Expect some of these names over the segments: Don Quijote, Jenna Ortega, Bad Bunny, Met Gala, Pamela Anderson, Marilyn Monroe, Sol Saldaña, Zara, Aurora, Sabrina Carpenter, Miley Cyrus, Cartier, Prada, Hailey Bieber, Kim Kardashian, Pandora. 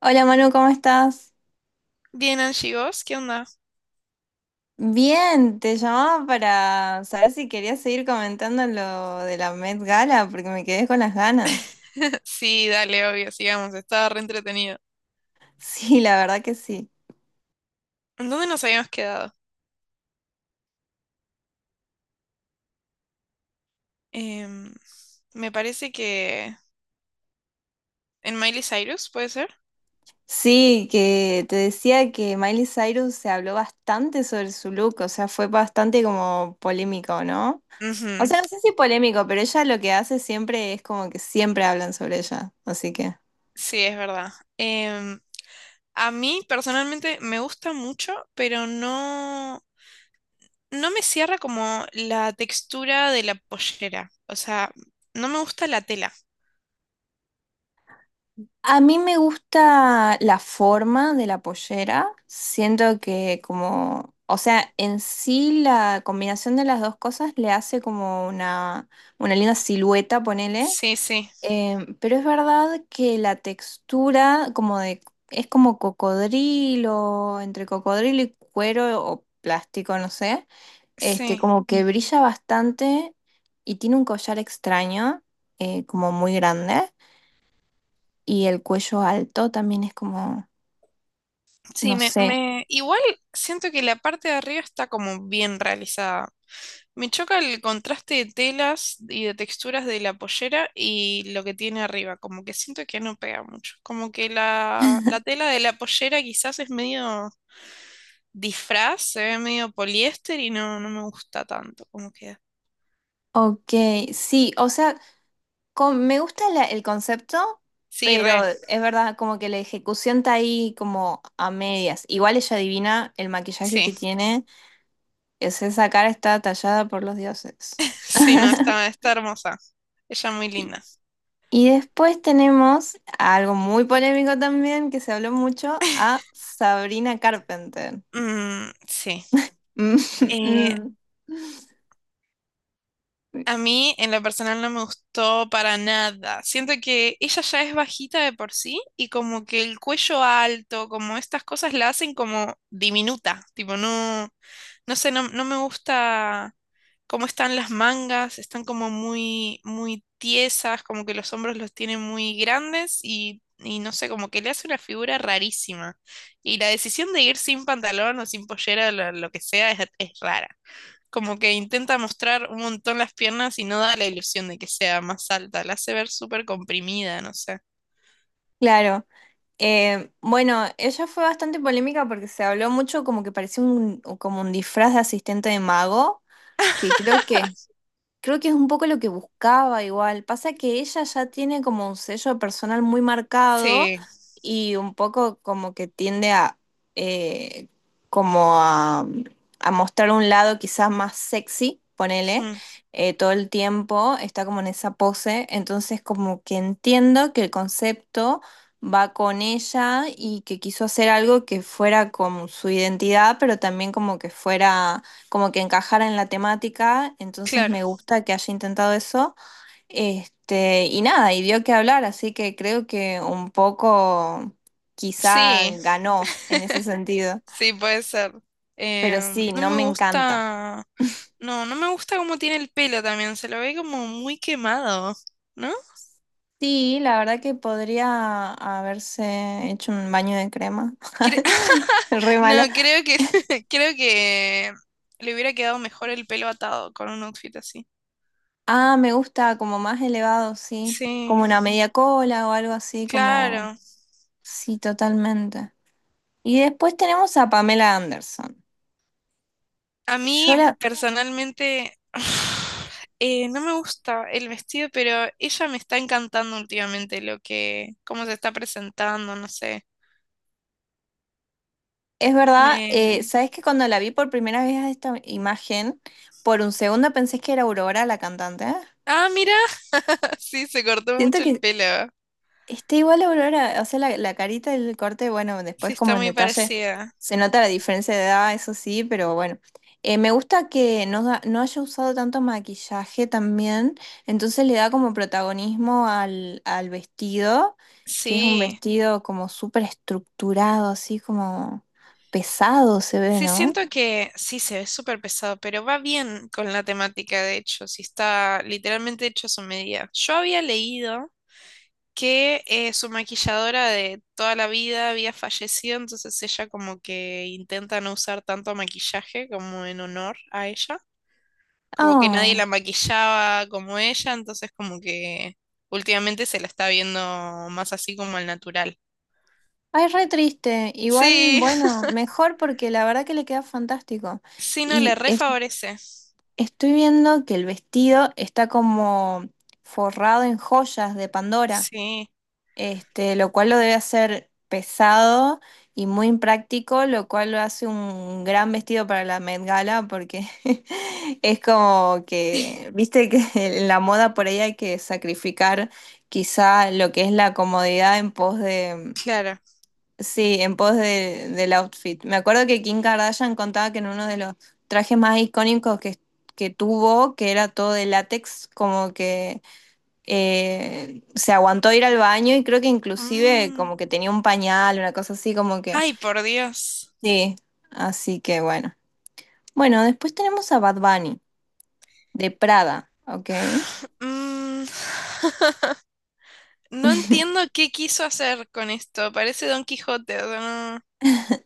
Hola Manu, ¿cómo estás? Bien, Angie, ¿vos? ¿Qué onda? Bien, te llamaba para saber si querías seguir comentando lo de la Met Gala, porque me quedé con las ganas. Sí, dale, obvio, sigamos, estaba re entretenido. Sí, la verdad que sí. ¿En dónde nos habíamos quedado? Em, me parece que en Miley Cyrus, ¿puede ser? Sí, que te decía que Miley Cyrus se habló bastante sobre su look, o sea, fue bastante como polémico, ¿no? O Ujú. sea, no sé si polémico, pero ella lo que hace siempre es como que siempre hablan sobre ella, así que... Sí, es verdad. Em, a mí personalmente me gusta mucho, pero no, no me cierra como la textura de la pollera. O sea, no me gusta la tela. A mí me gusta la forma de la pollera. Siento que como, o sea, en sí la combinación de las dos cosas le hace como una linda silueta, ponele. Sí, sí, Pero es verdad que la textura como de, es como cocodrilo, entre cocodrilo y cuero o plástico, no sé. Este, sí. como que brilla bastante y tiene un collar extraño, como muy grande y el cuello alto también es como, Sí, no sé. Igual siento que la parte de arriba está como bien realizada. Me choca el contraste de telas y de texturas de la pollera y lo que tiene arriba, como que siento que no pega mucho, como que la tela de la pollera quizás es medio disfraz, se ve medio poliéster y no, no me gusta tanto como queda. Ok, sí, o sea, me gusta el concepto, Sí, pero re, es verdad, como que la ejecución está ahí como a medias. Igual ella adivina el maquillaje que sí, tiene, es esa cara está tallada por los dioses. sí, no, está, está hermosa, ella muy Y linda. y después tenemos algo muy polémico también, que se habló mucho, a Sabrina Carpenter. Mm, sí. Mm, Eh, mm, a mí en lo personal no me gustó para nada. Siento que ella ya es bajita de por sí y como que el cuello alto, como estas cosas la hacen como diminuta. Tipo, no, no sé, no, no me gusta cómo están las mangas, están como muy, muy tiesas, como que los hombros los tienen muy grandes y no sé, como que le hace una figura rarísima. Y la decisión de ir sin pantalón o sin pollera, lo que sea, es rara. Como que intenta mostrar un montón las piernas y no da la ilusión de que sea más alta. La hace ver súper comprimida, no sé. claro. Bueno, ella fue bastante polémica porque se habló mucho como que parecía un, como un disfraz de asistente de mago, que creo que Creo que es un poco lo que buscaba igual. Pasa que ella ya tiene como un sello personal muy marcado Sí, y un poco como que tiende a eh, como a, a mostrar un lado quizás más sexy, ponele, mm, todo el tiempo, está como en esa pose. Entonces como que entiendo que el concepto va con ella y que quiso hacer algo que fuera con su identidad, pero también como que fuera como que encajara en la temática, entonces claro. me gusta que haya intentado eso. Este, y nada, y dio que hablar, así que creo que un poco quizá Sí, ganó en ese sentido, sí, puede ser. pero sí, No no me me encanta. gusta. No, no me gusta cómo tiene el pelo también. Se lo ve como muy quemado, ¿no? Sí, la verdad que podría haberse hecho un baño de crema. Cre- Re no, mala. creo que creo que le hubiera quedado mejor el pelo atado con un outfit así. Ah, me gusta como más elevado, sí. Como Sí, una media cola o algo así, como... claro. Sí, totalmente. Y después tenemos a Pamela Anderson. A Yo mí la, personalmente no me gusta el vestido, pero ella me está encantando últimamente lo que, cómo se está presentando, no sé. es verdad, Me... ¿sabes que cuando la vi por primera vez a esta imagen, por un segundo pensé que era Aurora la cantante? Ah, mira, sí, se cortó Siento mucho el que pelo. está igual a Aurora, o sea, la carita y el corte, bueno, Sí, después como está en muy detalle parecida. se nota la diferencia de edad, eso sí, pero bueno. Me gusta que no, no haya usado tanto maquillaje también, entonces le da como protagonismo al vestido, que es un Sí, vestido como súper estructurado, así como pesado se ve, sí, ¿no? siento que sí, se ve súper pesado, pero va bien con la temática, de hecho, sí está literalmente hecho a su medida. Yo había leído que su maquilladora de toda la vida había fallecido, entonces ella como que intenta no usar tanto maquillaje como en honor a ella, como que nadie Ah, la maquillaba como ella, entonces como que últimamente se la está viendo más así como al natural. ay, re triste. Igual, Sí, bueno, mejor porque la verdad que le queda fantástico. sí, no le Y es- refavorece. Estoy viendo que el vestido está como forrado en joyas de Pandora, Sí, este, lo cual lo debe hacer pesado y muy impráctico, lo cual lo hace un gran vestido para la Met Gala porque es como que, viste que en la moda por ahí hay que sacrificar quizá lo que es la comodidad en pos. claro. Sí, en pos del outfit. Me acuerdo que Kim Kardashian contaba que en uno de los trajes más icónicos que tuvo, que era todo de látex, como que se aguantó ir al baño y creo que inclusive como Mm. que tenía un pañal, una cosa así, como que... Ay, por Dios. Sí, así que bueno. Bueno, después tenemos a Bad Bunny, de Prada, ¿ok? Mm. No entiendo qué quiso hacer con esto. Parece Don Quijote. O sea,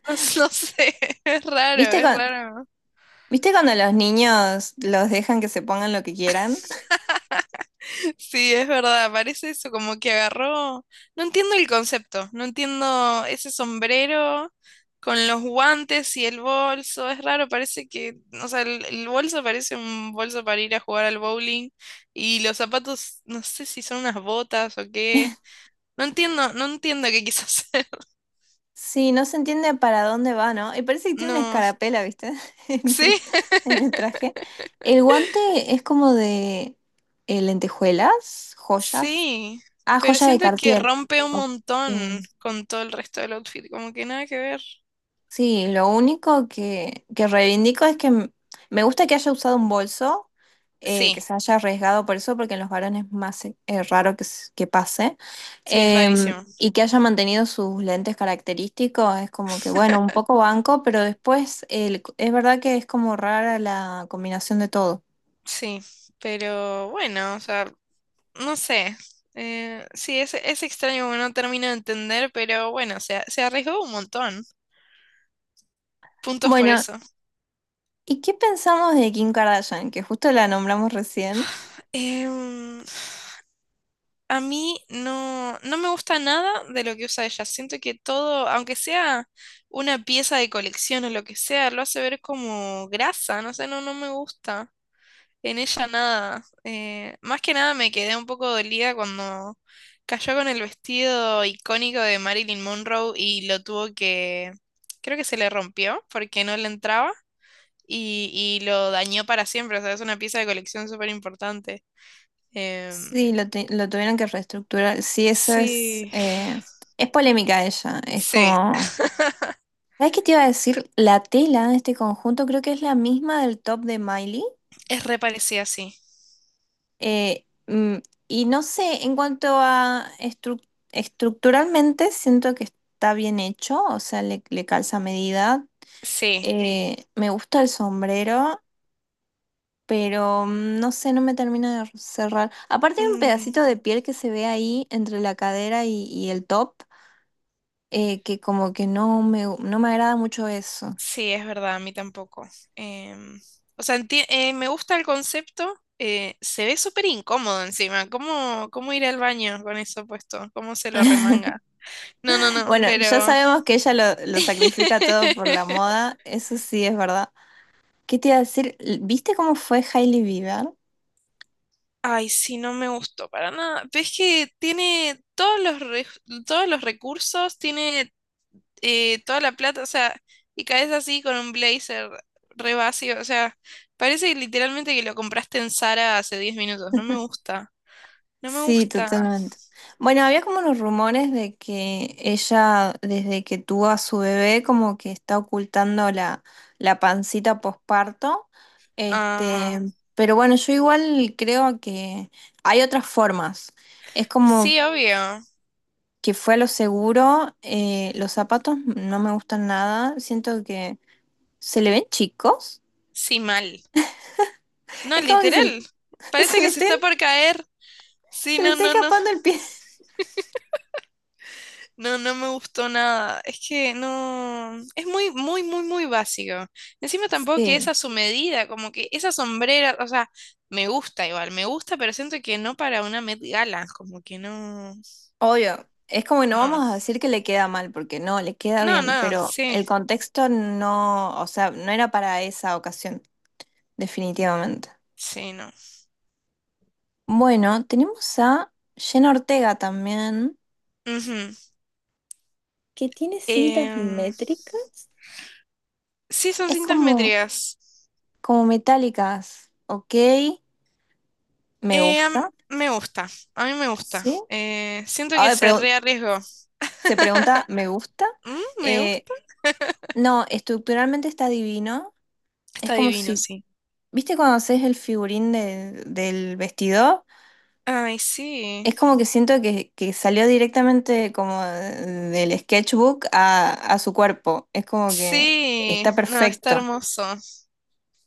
no sé, es raro, ¿Viste, es cu- raro. ¿Viste cuando los niños los dejan que se pongan lo que quieran? Sí, es verdad, parece eso, como que agarró. No entiendo el concepto, no entiendo ese sombrero con los guantes y el bolso, es raro, parece que, o sea, el bolso parece un bolso para ir a jugar al bowling y los zapatos, no sé si son unas botas o qué. No entiendo, no entiendo qué quiso hacer. Sí, no se entiende para dónde va, ¿no? Y parece que tiene una No, escarapela, ¿viste? En sí, el, en el traje. El guante es como de lentejuelas, joyas. sí, Ah, pero joya de siento que Cartier. rompe un Ok. montón con todo el resto del outfit, como que nada que ver. Sí, lo único que reivindico es que me gusta que haya usado un bolso, que Sí, se haya arriesgado por eso, porque en los varones es más raro que pase. sí, es Em, rarísimo. Mm. y que haya mantenido sus lentes característicos, es como que, bueno, un poco banco, pero después es verdad que es como rara la combinación de todo. Sí, pero bueno, o sea, no sé. Sí, es extraño porque no termino de entender, pero bueno, se arriesgó un montón. Puntos por Bueno, eso. ¿y qué pensamos de Kim Kardashian, que justo la nombramos recién? Em, a mí no, no me gusta nada de lo que usa ella. Siento que todo, aunque sea una pieza de colección o lo que sea, lo hace ver como grasa, no sé, no, no me gusta. En ella nada. Más que nada me quedé un poco dolida cuando cayó con el vestido icónico de Marilyn Monroe y lo tuvo que. Creo que se le rompió porque no le entraba y lo dañó para siempre. O sea, es una pieza de colección súper importante. Em, Sí, lo tuvieron que reestructurar. Sí, eso es. sí, Es polémica ella. Es sí, como. ¿Sabes qué te iba a decir? La tela de este conjunto creo que es la misma del top de Miley. es re parecida, sí. Eh, mm, y no sé, en cuanto a estructuralmente, siento que está bien hecho. O sea, le calza a medida. Sí. Me gusta el sombrero, pero no sé, no me termina de cerrar. Aparte hay un pedacito de piel que se ve ahí entre la cadera y el top que como que no me agrada mucho eso. Sí, es verdad, a mí tampoco. Em, o sea, me gusta el concepto. Eh, se ve súper incómodo encima. ¿Cómo, cómo ir al baño con eso puesto? ¿Cómo se lo remanga? No, no, no, Bueno, ya pero... sabemos que ella lo sacrifica todo por la moda, eso sí es verdad. ¿Qué te iba a decir? ¿Viste cómo fue Hailey Bieber? Ay, sí, no me gustó para nada. Ves que tiene todos los, todos los recursos, tiene toda la plata, o sea, y caes así con un blazer re vacío, o sea, parece literalmente que lo compraste en Zara hace 10 minutos. No me gusta, no me Sí, gusta. totalmente. Bueno, había como unos rumores de que ella, desde que tuvo a su bebé, como que está ocultando la, la pancita posparto. Ah, Este, pero bueno, yo igual creo que hay otras formas. Es como sí, obvio. que fue a lo seguro. Los zapatos no me gustan nada. Siento que se le ven chicos. Sí, mal. No, Es como que literal. Parece se le que se estén- está por caer. Sí, se le no, está no, no. escapando el pie. No, no me gustó nada. Es que no. Es muy, muy, muy, muy básico. Encima tampoco que es Sí, a su medida, como que esa sombrera, o sea, me gusta igual, me gusta, pero siento que no para una Met Gala, como que no. obvio. Es como que no No. vamos a decir que le queda mal, porque no, le queda No, bien, no, pero sí. el contexto no, o sea, no era para esa ocasión, definitivamente. Sí, no. Bueno, tenemos a Jenna Ortega también, Ujú. que tiene cintas Em, métricas. sí, son Es cintas como, métricas. como metálicas, ¿ok? Me Eh, gusta, me gusta, a mí me gusta. sí. Siento que Ahora se pregu- rearriesgó. Se pregunta, ¿me gusta? Mm, me Eh, gusta. no, estructuralmente está divino. Es Está como divino, si, sí. ¿viste cuando haces el figurín del vestido? Ay, sí. Es como que siento que salió directamente como del sketchbook a su cuerpo. Es como que está Sí, no, está perfecto. hermoso.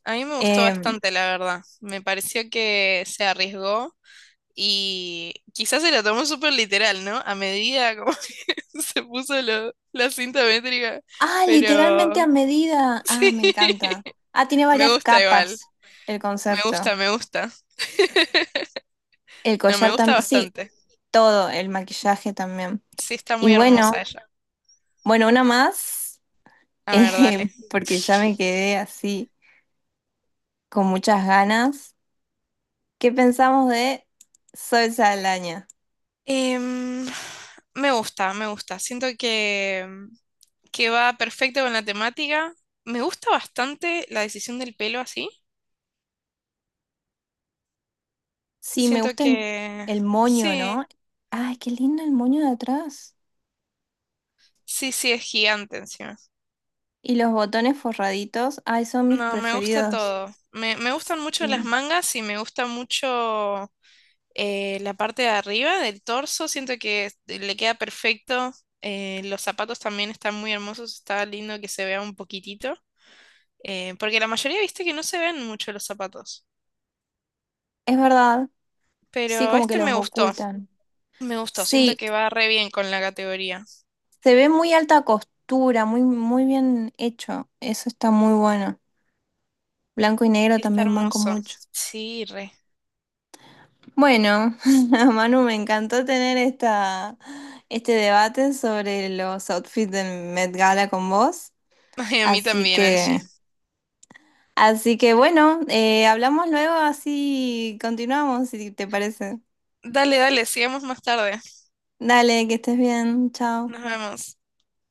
A mí me gustó Eh, bastante, la verdad. Me pareció que se arriesgó y quizás se la tomó súper literal, ¿no? A medida como que se puso la cinta métrica, ah, literalmente pero a medida. Ah, sí, me encanta. Ah, tiene me varias gusta igual. capas el Me concepto. gusta, me gusta. El No, me collar gusta también. Sí, bastante. todo, el maquillaje también. Sí, está Y muy bueno, hermosa ella. bueno, una más, A ver, dale. porque ya me quedé así con muchas ganas. ¿Qué pensamos de Sol Saldaña? Em, me gusta, me gusta. Siento que va perfecto con la temática. Me gusta bastante la decisión del pelo así. Sí, me Siento gusta que el moño, sí, ¿no? Ay, qué lindo el moño de atrás. sí, sí, es gigante encima. Y los botones forraditos, ay, son mis No, me gusta preferidos. todo. Me Sí, gustan mucho las mangas y me gusta mucho la parte de arriba del torso. Siento que le queda perfecto. Los zapatos también están muy hermosos. Está lindo que se vea un poquitito. Porque la mayoría, viste, que no se ven mucho los zapatos. es verdad, sí, Pero como que este me los gustó, ocultan. me gustó. Siento Sí, que va re bien con la categoría. se ve muy alta costura, muy, muy bien hecho. Eso está muy bueno. Blanco y negro Está también van con hermoso. mucho. Sí, re. Bueno, Manu, me encantó tener esta, este debate sobre los outfits del Met Gala con vos. Ay, a mí Así también, Angie. que, Así que bueno, hablamos luego, así continuamos, si te parece. Dale, dale, sigamos más tarde. Dale, que estés bien, chao. Nos vemos.